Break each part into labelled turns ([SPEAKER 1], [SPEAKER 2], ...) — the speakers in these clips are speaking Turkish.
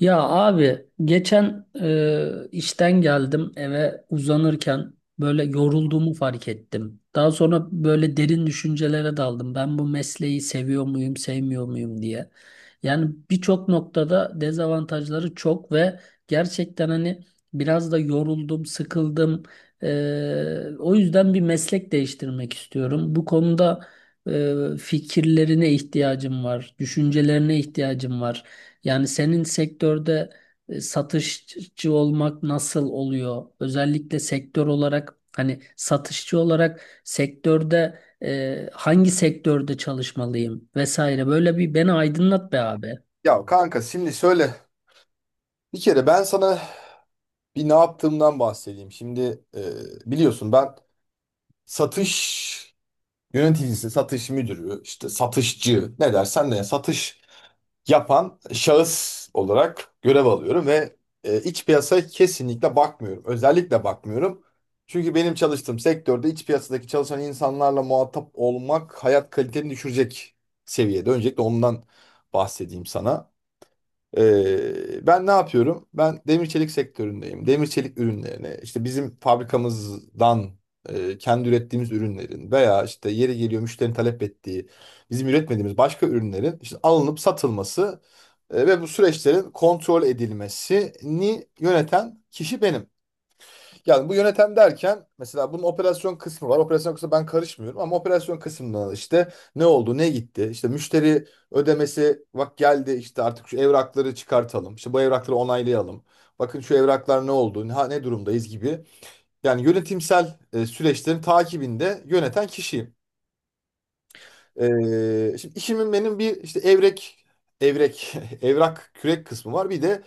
[SPEAKER 1] Ya abi geçen işten geldim eve uzanırken böyle yorulduğumu fark ettim. Daha sonra böyle derin düşüncelere daldım. Ben bu mesleği seviyor muyum, sevmiyor muyum diye. Yani birçok noktada dezavantajları çok ve gerçekten hani biraz da yoruldum, sıkıldım. O yüzden bir meslek değiştirmek istiyorum. Bu konuda fikirlerine ihtiyacım var, düşüncelerine ihtiyacım var. Yani senin sektörde satışçı olmak nasıl oluyor? Özellikle sektör olarak hani satışçı olarak sektörde hangi sektörde çalışmalıyım vesaire böyle bir beni aydınlat be abi.
[SPEAKER 2] Ya kanka şimdi şöyle bir kere ben sana ne yaptığımdan bahsedeyim. Şimdi biliyorsun ben satış yöneticisi, satış müdürü, işte satışçı ne dersen de satış yapan şahıs olarak görev alıyorum ve iç piyasaya kesinlikle bakmıyorum. Özellikle bakmıyorum. Çünkü benim çalıştığım sektörde iç piyasadaki çalışan insanlarla muhatap olmak hayat kaliteni düşürecek seviyede. Öncelikle ondan bahsedeyim sana. Ben ne yapıyorum? Ben demir çelik sektöründeyim. Demir çelik ürünlerine işte bizim fabrikamızdan kendi ürettiğimiz ürünlerin veya işte yeri geliyor müşterinin talep ettiği bizim üretmediğimiz başka ürünlerin işte alınıp satılması ve bu süreçlerin kontrol edilmesini yöneten kişi benim. Yani bu yönetem derken mesela bunun operasyon kısmı var. Operasyon kısmı ben karışmıyorum ama operasyon kısmında işte ne oldu, ne gitti? İşte müşteri ödemesi bak geldi, işte artık şu evrakları çıkartalım. İşte bu evrakları onaylayalım. Bakın şu evraklar ne oldu, ne, ne durumdayız gibi. Yani yönetimsel süreçlerin takibinde yöneten kişiyim. E, Şimdi işimin benim bir işte evrek, evrak kürek kısmı var. Bir de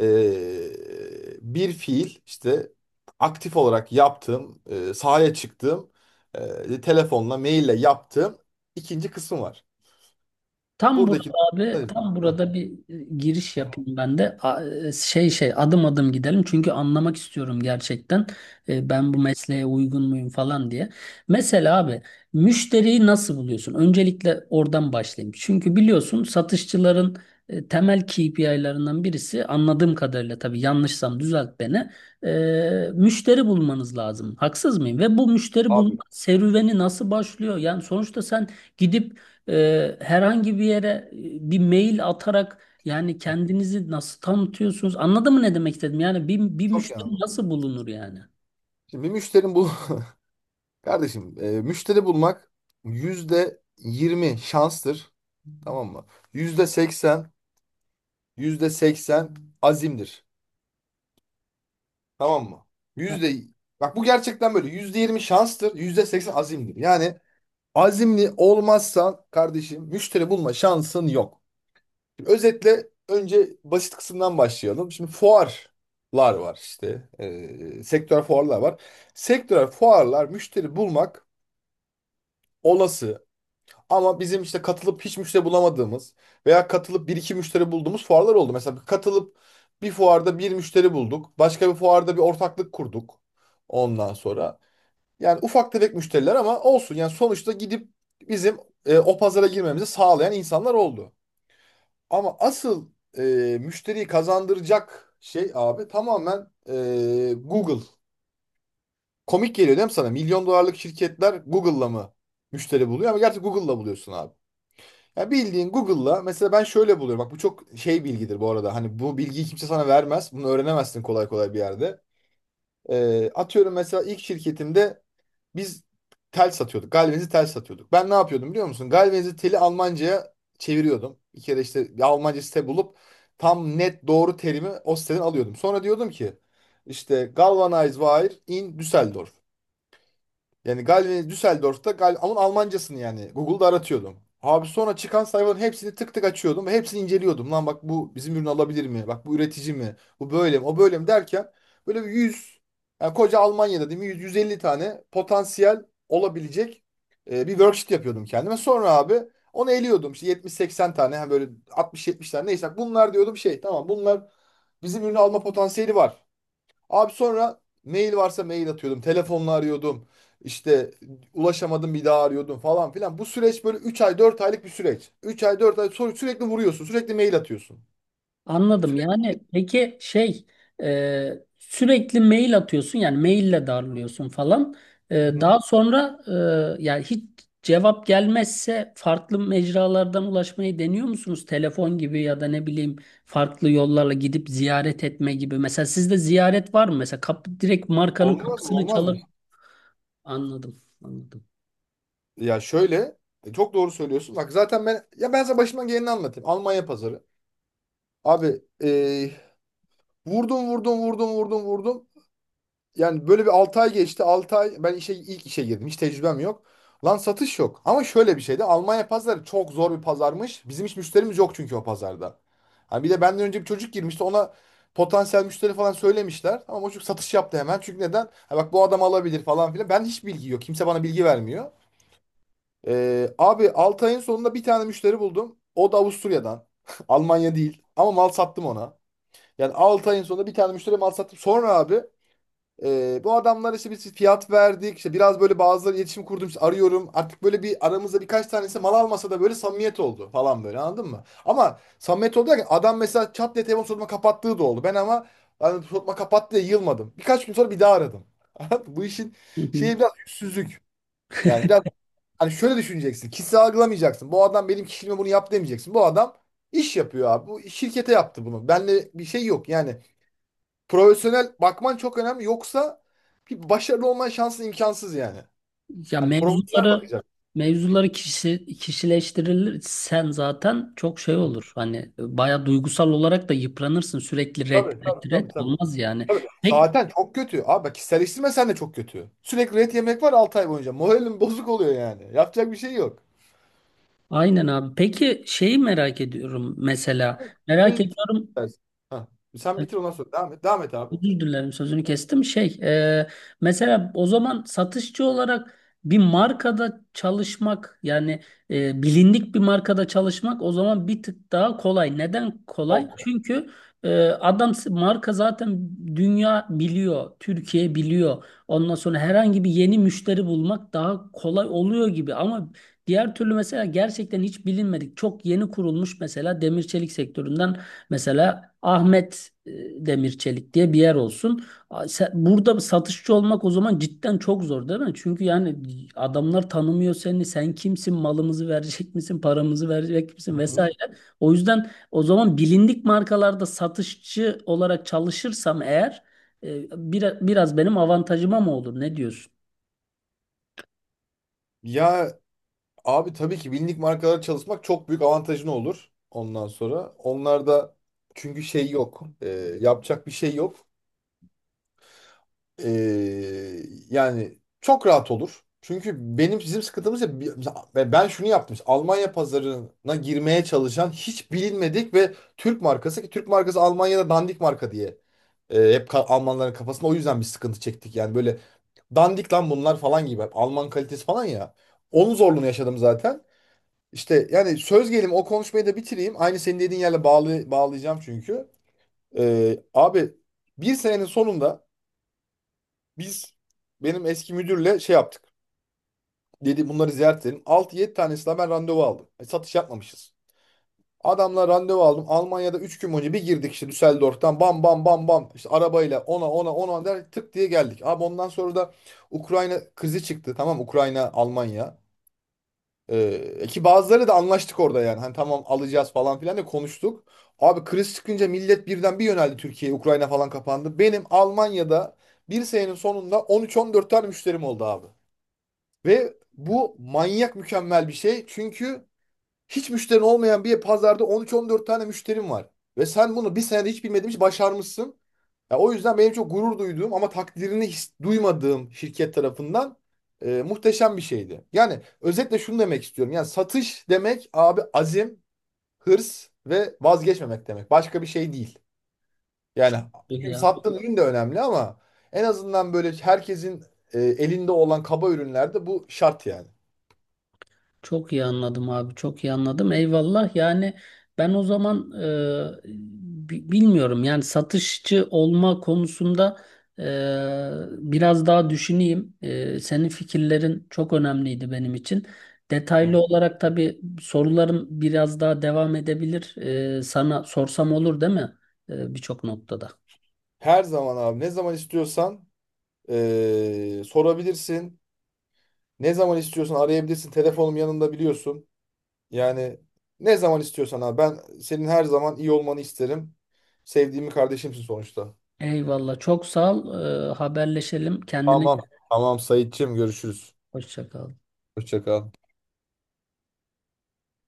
[SPEAKER 2] bir fiil işte aktif olarak yaptığım, sahaya çıktığım, telefonla, maille yaptığım ikinci kısım var.
[SPEAKER 1] Tam burada
[SPEAKER 2] Buradaki
[SPEAKER 1] abi,
[SPEAKER 2] heh.
[SPEAKER 1] tam
[SPEAKER 2] Hı
[SPEAKER 1] burada bir giriş
[SPEAKER 2] hı.
[SPEAKER 1] yapayım ben de. Adım adım gidelim çünkü anlamak istiyorum gerçekten. Ben bu mesleğe uygun muyum falan diye. Mesela abi müşteriyi nasıl buluyorsun? Öncelikle oradan başlayayım. Çünkü biliyorsun satışçıların temel KPI'lerinden birisi anladığım kadarıyla, tabii yanlışsam düzelt beni. Müşteri bulmanız lazım. Haksız mıyım? Ve bu müşteri bulma
[SPEAKER 2] Abi
[SPEAKER 1] serüveni nasıl başlıyor? Yani sonuçta sen gidip herhangi bir yere bir mail atarak yani kendinizi nasıl tanıtıyorsunuz? Anladın mı ne demek istedim? Yani bir
[SPEAKER 2] çok iyi abi.
[SPEAKER 1] müşteri nasıl bulunur yani?
[SPEAKER 2] Şimdi müşterim bul kardeşim müşteri bulmak %20 şanstır. Tamam mı? %80, %80 azimdir. Tamam mı? Yüzde Bak bu gerçekten böyle. %20 şanstır, %80 azimdir. Yani azimli olmazsan kardeşim müşteri bulma şansın yok. Şimdi özetle önce basit kısımdan başlayalım. Şimdi fuarlar var işte. Sektör fuarlar var. Sektör fuarlar müşteri bulmak olası. Ama bizim işte katılıp hiç müşteri bulamadığımız veya katılıp bir iki müşteri bulduğumuz fuarlar oldu. Mesela katılıp bir fuarda bir müşteri bulduk. Başka bir fuarda bir ortaklık kurduk. Ondan sonra. Yani ufak tefek müşteriler ama olsun. Yani sonuçta gidip bizim o pazara girmemizi sağlayan insanlar oldu. Ama asıl e, müşteriyi kazandıracak şey abi tamamen Google. Komik geliyor değil mi sana? Milyon dolarlık şirketler Google'la mı müşteri buluyor? Ama gerçi Google'la buluyorsun abi. Ya bildiğin Google'la mesela ben şöyle buluyorum. Bak bu çok şey bilgidir bu arada. Hani bu bilgiyi kimse sana vermez. Bunu öğrenemezsin kolay kolay bir yerde. Atıyorum mesela ilk şirketimde biz tel satıyorduk. Galvanize tel satıyorduk. Ben ne yapıyordum biliyor musun? Galvanize teli Almanca'ya çeviriyordum. Bir kere işte bir Almanca site bulup tam net doğru terimi o siteden alıyordum. Sonra diyordum ki işte galvanize wire in Düsseldorf. Yani Galvin'i Düsseldorf'ta Gal onun Almancasını yani Google'da aratıyordum. Abi sonra çıkan sayfaların hepsini tık tık açıyordum ve hepsini inceliyordum. Lan bak bu bizim ürünü alabilir mi? Bak bu üretici mi? Bu böyle mi? O böyle mi derken böyle bir 100, yani koca Almanya'da değil mi? 100, 150 tane potansiyel olabilecek, bir worksheet yapıyordum kendime. Sonra abi onu eliyordum. İşte 70-80 tane ha böyle 60-70 tane neyse bunlar diyordum, şey tamam bunlar bizim ürünü alma potansiyeli var. Abi sonra mail varsa mail atıyordum. Telefonla arıyordum. İşte ulaşamadım bir daha arıyordum falan filan. Bu süreç böyle 3-4 aylık bir süreç. 3 ay 4 ay sonra sürekli vuruyorsun. Sürekli mail atıyorsun.
[SPEAKER 1] Anladım. Yani peki sürekli mail atıyorsun yani maille darlıyorsun falan. E,
[SPEAKER 2] Hı hı.
[SPEAKER 1] Daha sonra yani hiç cevap gelmezse farklı mecralardan ulaşmayı deniyor musunuz? Telefon gibi ya da ne bileyim farklı yollarla gidip ziyaret etme gibi. Mesela sizde ziyaret var mı? Mesela kapı direkt markanın
[SPEAKER 2] Olmaz mı?
[SPEAKER 1] kapısını
[SPEAKER 2] Olmaz mı?
[SPEAKER 1] çalıp anladım. Anladım.
[SPEAKER 2] Ya şöyle çok doğru söylüyorsun. Bak zaten ben sana başıma geleni anlatayım. Almanya pazarı. Abi vurdum vurdum vurdum vurdum vurdum. Yani böyle bir 6 ay geçti. 6 ay ben ilk işe girdim. Hiç tecrübem yok. Lan satış yok. Ama şöyle bir şeydi. Almanya pazarı çok zor bir pazarmış. Bizim hiç müşterimiz yok çünkü o pazarda. Hani bir de benden önce bir çocuk girmişti. Ona potansiyel müşteri falan söylemişler. Ama o çocuk satış yaptı hemen. Çünkü neden? Ha bak bu adam alabilir falan filan. Ben hiç bilgi yok. Kimse bana bilgi vermiyor. Abi 6 ayın sonunda bir tane müşteri buldum. O da Avusturya'dan. Almanya değil. Ama mal sattım ona. Yani 6 ayın sonunda bir tane müşteri mal sattım. Sonra abi bu adamlar işte biz fiyat verdik. İşte biraz böyle bazıları iletişim kurdum, işte arıyorum. Artık böyle bir aramızda birkaç tanesi mal almasa da böyle samimiyet oldu falan, böyle anladın mı? Ama samimiyet oldu derken adam mesela çat diye telefon soruma kapattığı da oldu. Ben ama hani soruma kapattı diye yılmadım. Birkaç gün sonra bir daha aradım. Anladın mı? Bu işin şeyi biraz yüzsüzlük. Yani biraz, hani şöyle düşüneceksin. Kişisel algılamayacaksın. Bu adam benim kişiliğime bunu yap demeyeceksin. Bu adam iş yapıyor abi. Bu şirkete yaptı bunu. Benle bir şey yok yani. Profesyonel bakman çok önemli. Yoksa bir başarılı olman şansın imkansız yani.
[SPEAKER 1] Ya
[SPEAKER 2] Hani profesyonel
[SPEAKER 1] mevzuları
[SPEAKER 2] bakacak.
[SPEAKER 1] mevzuları kişi, kişileştirirsen zaten çok şey olur. Hani baya duygusal olarak da yıpranırsın, sürekli red
[SPEAKER 2] Tabii tabii
[SPEAKER 1] red
[SPEAKER 2] tabii
[SPEAKER 1] red
[SPEAKER 2] tabii.
[SPEAKER 1] olmaz yani.
[SPEAKER 2] Tabii.
[SPEAKER 1] Pek
[SPEAKER 2] Zaten çok kötü. Abi bak kişiselleştirme sen de çok kötü. Sürekli ret yemek var 6 ay boyunca. Moralim bozuk oluyor yani. Yapacak bir şey yok.
[SPEAKER 1] aynen abi. Peki şeyi merak ediyorum mesela. Merak
[SPEAKER 2] Burayı bitir
[SPEAKER 1] ediyorum.
[SPEAKER 2] istersen. Hah. Sen bitir ondan sonra. Devam et. Devam et abi.
[SPEAKER 1] Özür dilerim sözünü kestim. Mesela o zaman satışçı olarak bir markada çalışmak yani bilindik bir markada çalışmak o zaman bir tık daha kolay. Neden kolay?
[SPEAKER 2] Ok.
[SPEAKER 1] Çünkü adam marka zaten dünya biliyor, Türkiye biliyor. Ondan sonra herhangi bir yeni müşteri bulmak daha kolay oluyor gibi. Ama diğer türlü mesela gerçekten hiç bilinmedik, çok yeni kurulmuş mesela demir çelik sektöründen, mesela Ahmet Demir diye bir yer olsun. Burada satışçı olmak o zaman cidden çok zor değil mi? Çünkü yani adamlar tanımıyor seni. Sen kimsin? Malımızı verecek misin? Paramızı verecek
[SPEAKER 2] Hı
[SPEAKER 1] misin?
[SPEAKER 2] hı.
[SPEAKER 1] Vesaire. O yüzden o zaman bilindik markalarda satışçı olarak çalışırsam eğer biraz benim avantajıma mı olur? Ne diyorsun?
[SPEAKER 2] Ya abi tabii ki bilindik markalara çalışmak çok büyük avantajın olur ondan sonra. Onlarda çünkü şey yok. Yapacak bir şey yok. Ee, Yani çok rahat olur. Çünkü bizim sıkıntımız ya mesela ben şunu yaptım. İşte Almanya pazarına girmeye çalışan hiç bilinmedik ve Türk markası, ki Türk markası Almanya'da dandik marka diye hep Almanların kafasında, o yüzden bir sıkıntı çektik. Yani böyle dandik lan bunlar falan gibi. Hep Alman kalitesi falan ya. Onun zorluğunu yaşadım zaten. İşte yani söz gelimi o konuşmayı da bitireyim. Aynı senin dediğin yerle bağlayacağım çünkü. Abi bir senenin sonunda biz benim eski müdürle şey yaptık. Dedi bunları ziyaret edelim. 6 yedi tanesine ben randevu aldım. Satış yapmamışız. Adamla randevu aldım. Almanya'da 3 gün önce bir girdik işte Düsseldorf'tan bam bam bam bam. İşte arabayla ona ona ona der, tık diye geldik. Abi ondan sonra da Ukrayna krizi çıktı. Tamam, Ukrayna Almanya. Ee, ki bazıları da anlaştık orada yani. Hani tamam alacağız falan filan da konuştuk. Abi kriz çıkınca millet birden bir yöneldi Türkiye'ye. Ukrayna falan kapandı. Benim Almanya'da bir senenin sonunda 13-14 tane müşterim oldu abi. Ve bu manyak mükemmel bir şey. Çünkü hiç müşterin olmayan bir pazarda 13-14 tane müşterim var. Ve sen bunu bir senede hiç bilmediğin için başarmışsın. Ya o yüzden benim çok gurur duyduğum ama takdirini hiç duymadığım şirket tarafından muhteşem bir şeydi. Yani özetle şunu demek istiyorum. Yani satış demek abi azim, hırs ve vazgeçmemek demek. Başka bir şey değil. Yani
[SPEAKER 1] Çok iyi
[SPEAKER 2] çünkü
[SPEAKER 1] yani.
[SPEAKER 2] sattığın ürün de önemli ama en azından böyle herkesin elinde olan kaba ürünlerde bu şart yani.
[SPEAKER 1] Çok iyi anladım abi, çok iyi anladım. Eyvallah. Yani ben o zaman bilmiyorum. Yani satışçı olma konusunda e, biraz daha düşüneyim. Senin fikirlerin çok önemliydi benim için. Detaylı
[SPEAKER 2] Hı.
[SPEAKER 1] olarak tabii sorularım biraz daha devam edebilir. Sana sorsam olur değil mi? Birçok noktada.
[SPEAKER 2] Her zaman abi ne zaman istiyorsan sorabilirsin. Ne zaman istiyorsan arayabilirsin. Telefonum yanında biliyorsun. Yani ne zaman istiyorsan abi. Ben senin her zaman iyi olmanı isterim. Sevdiğimi kardeşimsin sonuçta.
[SPEAKER 1] Eyvallah. Çok sağ ol. Haberleşelim. Kendine
[SPEAKER 2] Tamam. Tamam Saitçiğim, görüşürüz.
[SPEAKER 1] hoşça kal.
[SPEAKER 2] Hoşça kal.